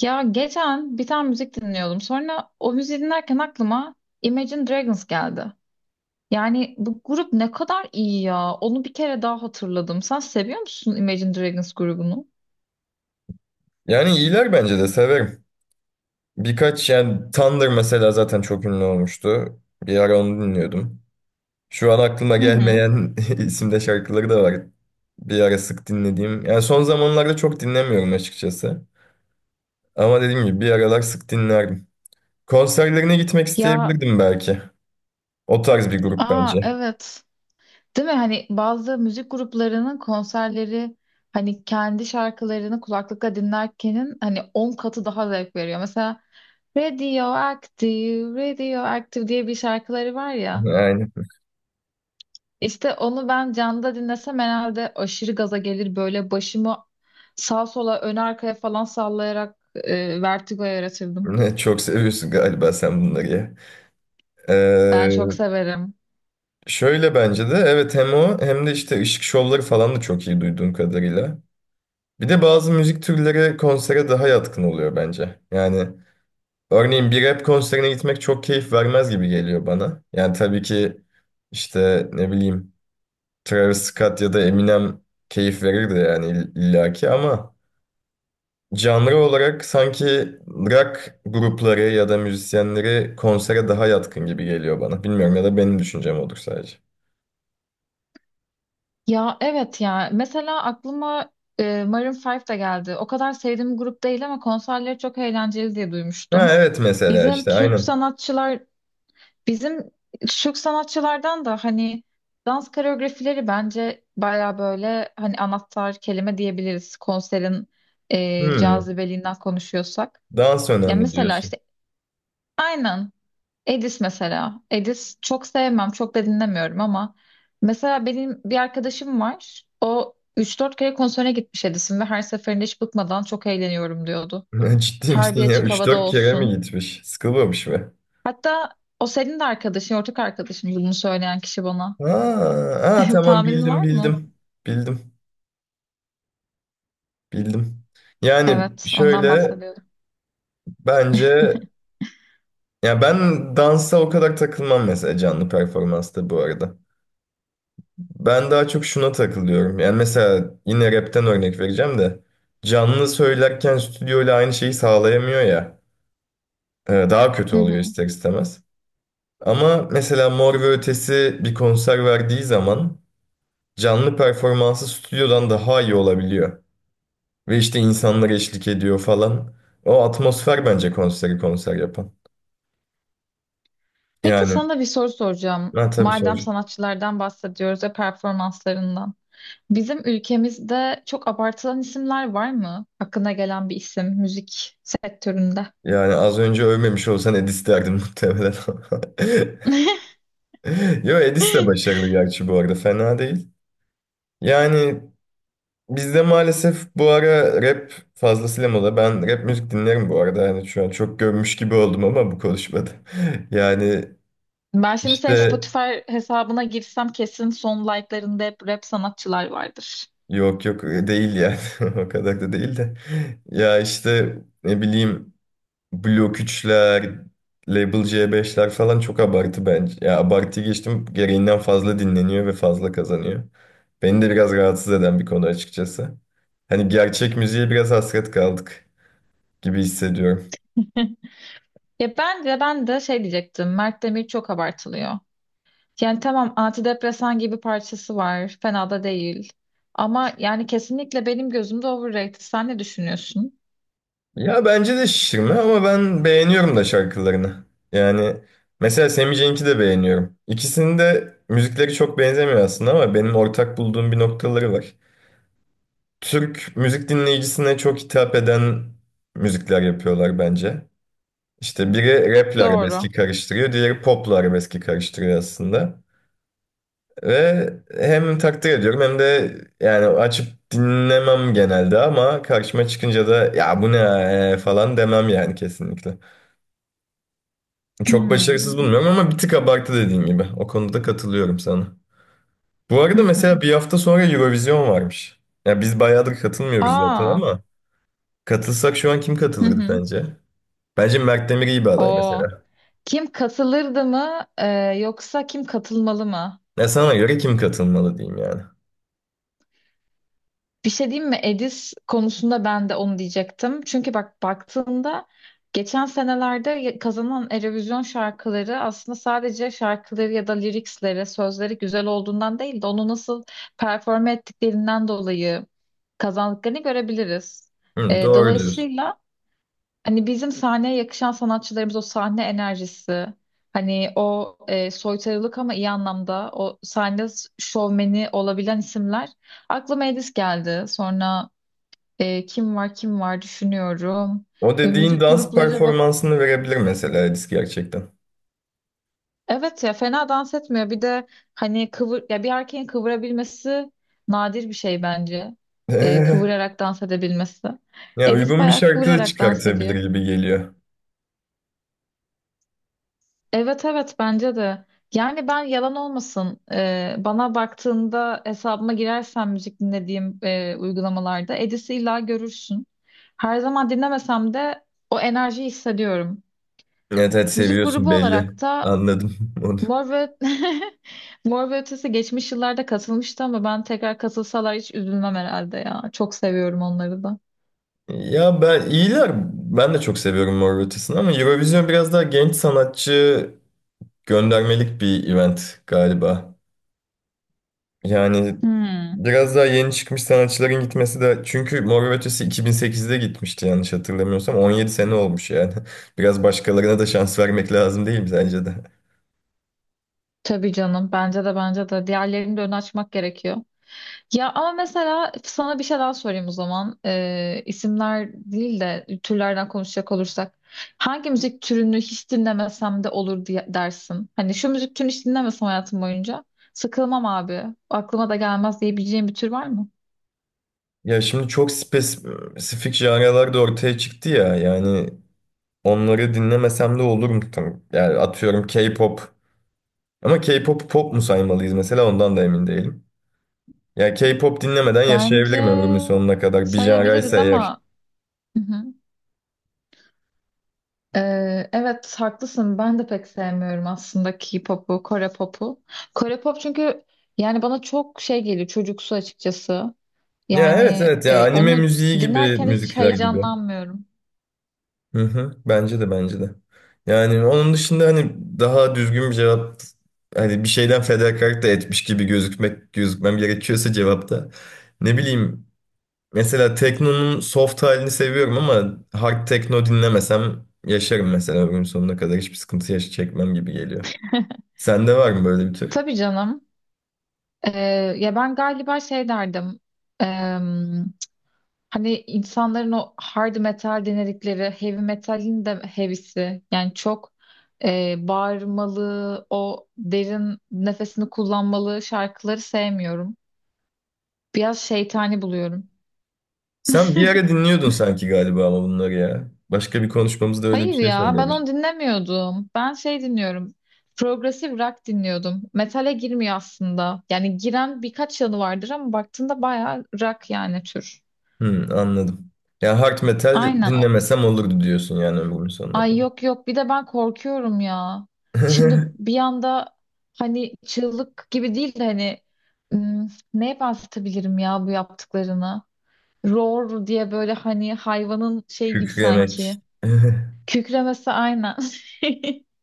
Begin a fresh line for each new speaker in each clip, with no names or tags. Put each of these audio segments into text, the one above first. Ya geçen bir tane müzik dinliyordum. Sonra o müziği dinlerken aklıma Imagine Dragons geldi. Yani bu grup ne kadar iyi ya. Onu bir kere daha hatırladım. Sen seviyor musun Imagine Dragons grubunu?
Yani iyiler bence de severim. Birkaç yani Thunder mesela zaten çok ünlü olmuştu. Bir ara onu dinliyordum. Şu an aklıma
Hı hı.
gelmeyen isimde şarkıları da var. Bir ara sık dinlediğim. Yani son zamanlarda çok dinlemiyorum açıkçası. Ama dediğim gibi bir aralar sık dinlerdim. Konserlerine gitmek
Ya,
isteyebilirdim belki. O tarz bir grup
aa
bence.
evet. Değil mi? Hani bazı müzik gruplarının konserleri hani kendi şarkılarını kulaklıkla dinlerkenin hani 10 katı daha zevk veriyor. Mesela Radioactive, Radioactive diye bir şarkıları var ya.
Yani
İşte onu ben canlıda dinlesem herhalde aşırı gaza gelir böyle başımı sağa sola ön arkaya falan sallayarak vertigo yaratırdım.
çok seviyorsun galiba sen bunları ya.
Ben
Ee,
çok severim.
Şöyle bence de evet, hem o hem de işte ışık şovları falan da çok iyi duyduğum kadarıyla. Bir de bazı müzik türleri konsere daha yatkın oluyor bence. Yani örneğin bir rap konserine gitmek çok keyif vermez gibi geliyor bana. Yani tabii ki işte ne bileyim Travis Scott ya da Eminem keyif verirdi yani illaki ama canlı olarak sanki rock grupları ya da müzisyenleri konsere daha yatkın gibi geliyor bana. Bilmiyorum ya da benim düşüncem olur sadece.
Ya evet ya mesela aklıma Maroon 5 de geldi. O kadar sevdiğim bir grup değil ama konserleri çok eğlenceli diye
Ha
duymuştum.
evet, mesela
Bizim
işte
Türk
aynen.
sanatçılar Bizim Türk sanatçılardan da hani dans koreografileri bence baya böyle hani anahtar kelime diyebiliriz konserin
Hmm,
cazibeliğinden konuşuyorsak.
dans
Ya
önemli
mesela
diyorsun.
işte aynen Edis mesela. Edis çok sevmem, çok da dinlemiyorum ama mesela benim bir arkadaşım var. O üç dört kere konserine gitmiş Edis'in ve her seferinde hiç bıkmadan çok eğleniyorum diyordu.
Ya ciddi
Her
misin
bir
ya?
açık
Üç
havada
dört kere mi
olsun.
gitmiş? Sıkılmamış mı?
Hatta o senin de arkadaşın, ortak arkadaşın bunu söyleyen kişi bana.
Aa, aa, tamam,
Tahminin
bildim
var
bildim.
mı?
Bildim. Bildim. Yani
Evet, ondan
şöyle
bahsediyorum.
bence, ya ben dansa o kadar takılmam mesela canlı performansta bu arada. Ben daha çok şuna takılıyorum. Yani mesela yine rapten örnek vereceğim de canlı söylerken stüdyoyla aynı şeyi sağlayamıyor ya. Daha kötü
Hı
oluyor
hı.
ister istemez. Ama mesela Mor ve Ötesi bir konser verdiği zaman canlı performansı stüdyodan daha iyi olabiliyor. Ve işte insanlar eşlik ediyor falan. O atmosfer bence konseri konser yapan.
Peki
Yani
sana bir soru soracağım.
ben tabii
Madem
soracağım.
sanatçılardan bahsediyoruz ve performanslarından. Bizim ülkemizde çok abartılan isimler var mı? Aklına gelen bir isim müzik sektöründe.
Yani az önce övmemiş olsan Edis derdim muhtemelen. Yo, Edis de başarılı gerçi bu arada, fena değil. Yani bizde maalesef bu ara rap fazlasıyla moda. Ben rap müzik dinlerim bu arada. Yani şu an çok gömmüş gibi oldum ama bu konuşmada. Yani
Ben şimdi senin
işte
Spotify hesabına girsem kesin son like'larında hep rap sanatçılar vardır.
yok yok, değil yani o kadar da değil de. Ya işte ne bileyim Blok 3'ler, Label C5'ler falan çok abartı bence. Ya abartı geçtim, gereğinden fazla dinleniyor ve fazla kazanıyor. Beni de biraz rahatsız eden bir konu açıkçası. Hani gerçek müziğe biraz hasret kaldık gibi hissediyorum.
Ya ben de şey diyecektim. Mert Demir çok abartılıyor. Yani tamam antidepresan gibi parçası var. Fena da değil. Ama yani kesinlikle benim gözümde overrated. Sen ne düşünüyorsun?
Ya bence de şişirme ama ben beğeniyorum da şarkılarını. Yani mesela Sammy Cenk'i de beğeniyorum. İkisinin de müzikleri çok benzemiyor aslında ama benim ortak bulduğum bir noktaları var. Türk müzik dinleyicisine çok hitap eden müzikler yapıyorlar bence. İşte biri rap ile arabeski
Doğru.
karıştırıyor, diğeri pop ile arabeski karıştırıyor aslında. Ve hem takdir ediyorum hem de yani açıp dinlemem genelde ama karşıma çıkınca da "ya bu ne ya?" falan demem yani, kesinlikle. Çok başarısız
Hmm.
bulmuyorum ama bir tık abartı, dediğin gibi. O konuda katılıyorum sana. Bu
Hı
arada
hı.
mesela bir hafta sonra Eurovision varmış. Ya biz bayağıdır katılmıyoruz zaten
Aa.
ama katılsak şu an kim
Hı
katılırdı
hı.
sence? Bence Mert Demir iyi bir aday
O
mesela.
kim katılırdı mı yoksa kim katılmalı mı?
Ya sana göre kim katılmalı diyeyim yani.
Bir şey diyeyim mi? Edis konusunda ben de onu diyecektim. Çünkü bak baktığında geçen senelerde kazanan Eurovision şarkıları aslında sadece şarkıları ya da liriksleri, sözleri güzel olduğundan değil de onu nasıl performe ettiklerinden dolayı kazandıklarını görebiliriz.
Hı, doğru diyorsun.
Dolayısıyla hani bizim sahneye yakışan sanatçılarımız o sahne enerjisi, hani o soytarılık ama iyi anlamda o sahne şovmeni olabilen isimler. Aklıma Edis geldi. Sonra kim var kim var, düşünüyorum.
O dediğin
Müzik
dans
grupları bak
performansını verebilir mesela Edis gerçekten.
evet ya fena dans etmiyor. Bir de hani kıvır ya bir erkeğin kıvırabilmesi nadir bir şey bence. Kıvırarak dans edebilmesi.
ya
Edis
uygun bir
bayağı
şarkı da
kıvırarak dans
çıkartabilir
ediyor.
gibi geliyor.
Evet evet bence de. Yani ben yalan olmasın bana baktığında hesabıma girersen müzik dinlediğim uygulamalarda Edis'i illa görürsün. Her zaman dinlemesem de o enerjiyi hissediyorum.
Evet evet,
Müzik
seviyorsun
grubu
belli.
olarak da
Anladım onu.
Mor ve Mor ve Ötesi geçmiş yıllarda katılmıştı ama ben tekrar katılsalar hiç üzülmem herhalde ya. Çok seviyorum onları da.
Ya, ben iyiler. Ben de çok seviyorum Mor ve Ötesi'ni ama Eurovision biraz daha genç sanatçı göndermelik bir event galiba. Yani
Hmm,
biraz daha yeni çıkmış sanatçıların gitmesi de, çünkü Mor ve Ötesi 2008'de gitmişti yanlış hatırlamıyorsam. 17 sene olmuş yani. Biraz başkalarına da şans vermek lazım değil mi sence de?
tabii canım bence de diğerlerini de ön açmak gerekiyor. Ya ama mesela sana bir şey daha sorayım o zaman. İsimler değil de türlerden konuşacak olursak. Hangi müzik türünü hiç dinlemesem de olur diye dersin? Hani şu müzik türünü hiç dinlemesem hayatım boyunca sıkılmam abi. Aklıma da gelmez diyebileceğim bir tür var mı?
Ya şimdi çok spesifik janralar da ortaya çıktı ya, yani onları dinlemesem de olur mu? Yani atıyorum K-pop. Ama k pop pop mu saymalıyız mesela, ondan da emin değilim. Ya K-pop dinlemeden
Bence
yaşayabilirim ömrümün sonuna kadar. Bir
sayabiliriz
janraysa eğer.
ama hı hı. Evet haklısın. Ben de pek sevmiyorum aslında K-pop'u, Kore pop'u. Kore pop çünkü yani bana çok şey geliyor çocuksu açıkçası.
Ya evet
Yani
evet, ya
e,
anime
onu
müziği gibi,
dinlerken hiç
müzikler gibi.
heyecanlanmıyorum.
Hı hı. Bence de, bence de. Yani onun dışında, hani daha düzgün bir cevap, hani bir şeyden fedakarlık da etmiş gibi gözükmem gerekiyorsa cevapta. Ne bileyim, mesela teknonun soft halini seviyorum ama hard tekno dinlemesem yaşarım mesela ömrümün sonuna kadar, hiçbir sıkıntı çekmem gibi geliyor. Sende var mı böyle bir tür?
Tabii canım. E, Ya ben galiba şey derdim. E, Hani insanların o hard metal dinledikleri heavy metalin de heavy'si. Yani çok bağırmalı, o derin nefesini kullanmalı şarkıları sevmiyorum. Biraz şeytani buluyorum.
Sen bir ara dinliyordun sanki galiba ama bunları ya. Başka bir konuşmamızda öyle bir
Hayır
şey
ya ben onu
söylemiştin.
dinlemiyordum. Ben şey dinliyorum. Progresif rock dinliyordum. Metale girmiyor aslında. Yani giren birkaç yanı vardır ama baktığında bayağı rock yani tür.
Hmm, anladım. Ya hard metal
Aynen.
dinlemesem olurdu diyorsun yani, ömrümün sonuna
Ay
kadar.
yok, bir de ben korkuyorum ya. Şimdi bir anda hani çığlık gibi değil de hani hmm, neye benzetebilirim ya bu yaptıklarını? Roar diye böyle hani hayvanın şey gibi
Kükremek.
sanki. Kükremesi aynen.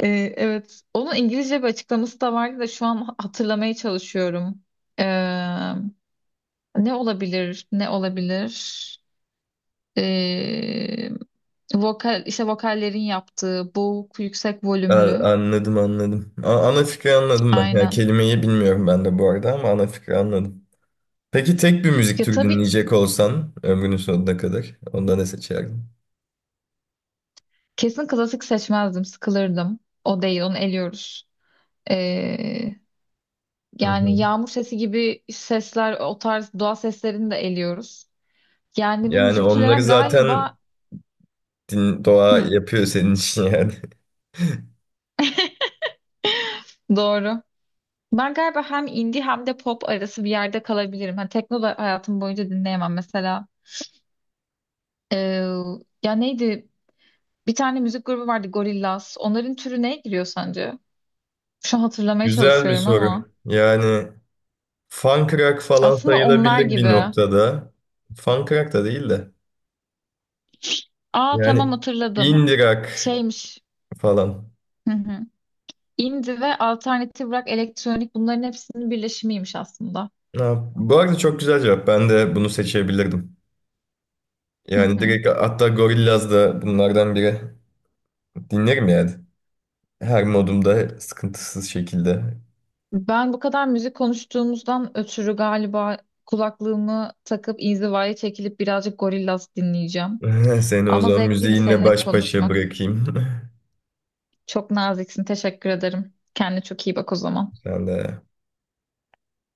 Ee, evet, onun İngilizce bir açıklaması da vardı da şu an hatırlamaya çalışıyorum. Ee, Ne olabilir, ne olabilir? Ee, Vokal, işte vokallerin yaptığı boğuk, yüksek volümlü.
Anladım anladım. Ana fikri anladım ben. Yani
Aynen.
kelimeyi bilmiyorum ben de bu arada ama ana fikri anladım. Peki tek bir müzik
Ya
türü
tabii ki
dinleyecek olsan ömrünün sonuna kadar, onda ne seçerdin?
kesin klasik seçmezdim, sıkılırdım. O değil, onu eliyoruz. Ee,
Hı
Yani
hı.
yağmur sesi gibi sesler, o tarz doğa seslerini de eliyoruz. Yani bu
Yani
müzik
onları
türlerine
zaten
galiba...
doğa
Hı,
yapıyor senin için yani.
doğru. Ben galiba hem indie hem de pop arası bir yerde kalabilirim. Hani tekno da hayatım boyunca dinleyemem mesela. Ee, Ya neydi? Bir tane müzik grubu vardı Gorillaz. Onların türü neye giriyor sence? Şu an hatırlamaya
Güzel bir
çalışıyorum ama.
soru. Yani fan Funkrock falan
Aslında onlar
sayılabilir bir
gibi.
noktada. Fan Funkrock da değil de.
Aa tamam
Yani
hatırladım.
indirak
Şeymiş.
falan.
Hı hı. Indie ve alternatif rock, elektronik bunların hepsinin birleşimiymiş aslında.
Ha, bu arada çok güzel cevap. Ben de bunu seçebilirdim.
Hı
Yani
hı.
direkt, hatta Gorillaz da bunlardan biri. Dinlerim yani. Her modumda sıkıntısız şekilde.
Ben bu kadar müzik konuştuğumuzdan ötürü galiba kulaklığımı takıp inzivaya çekilip birazcık Gorillaz dinleyeceğim.
Seni o
Ama
zaman
zevkliydi
müziğinle
seninle
baş başa
konuşmak.
bırakayım.
Çok naziksin, teşekkür ederim. Kendine çok iyi bak o zaman.
Sen de.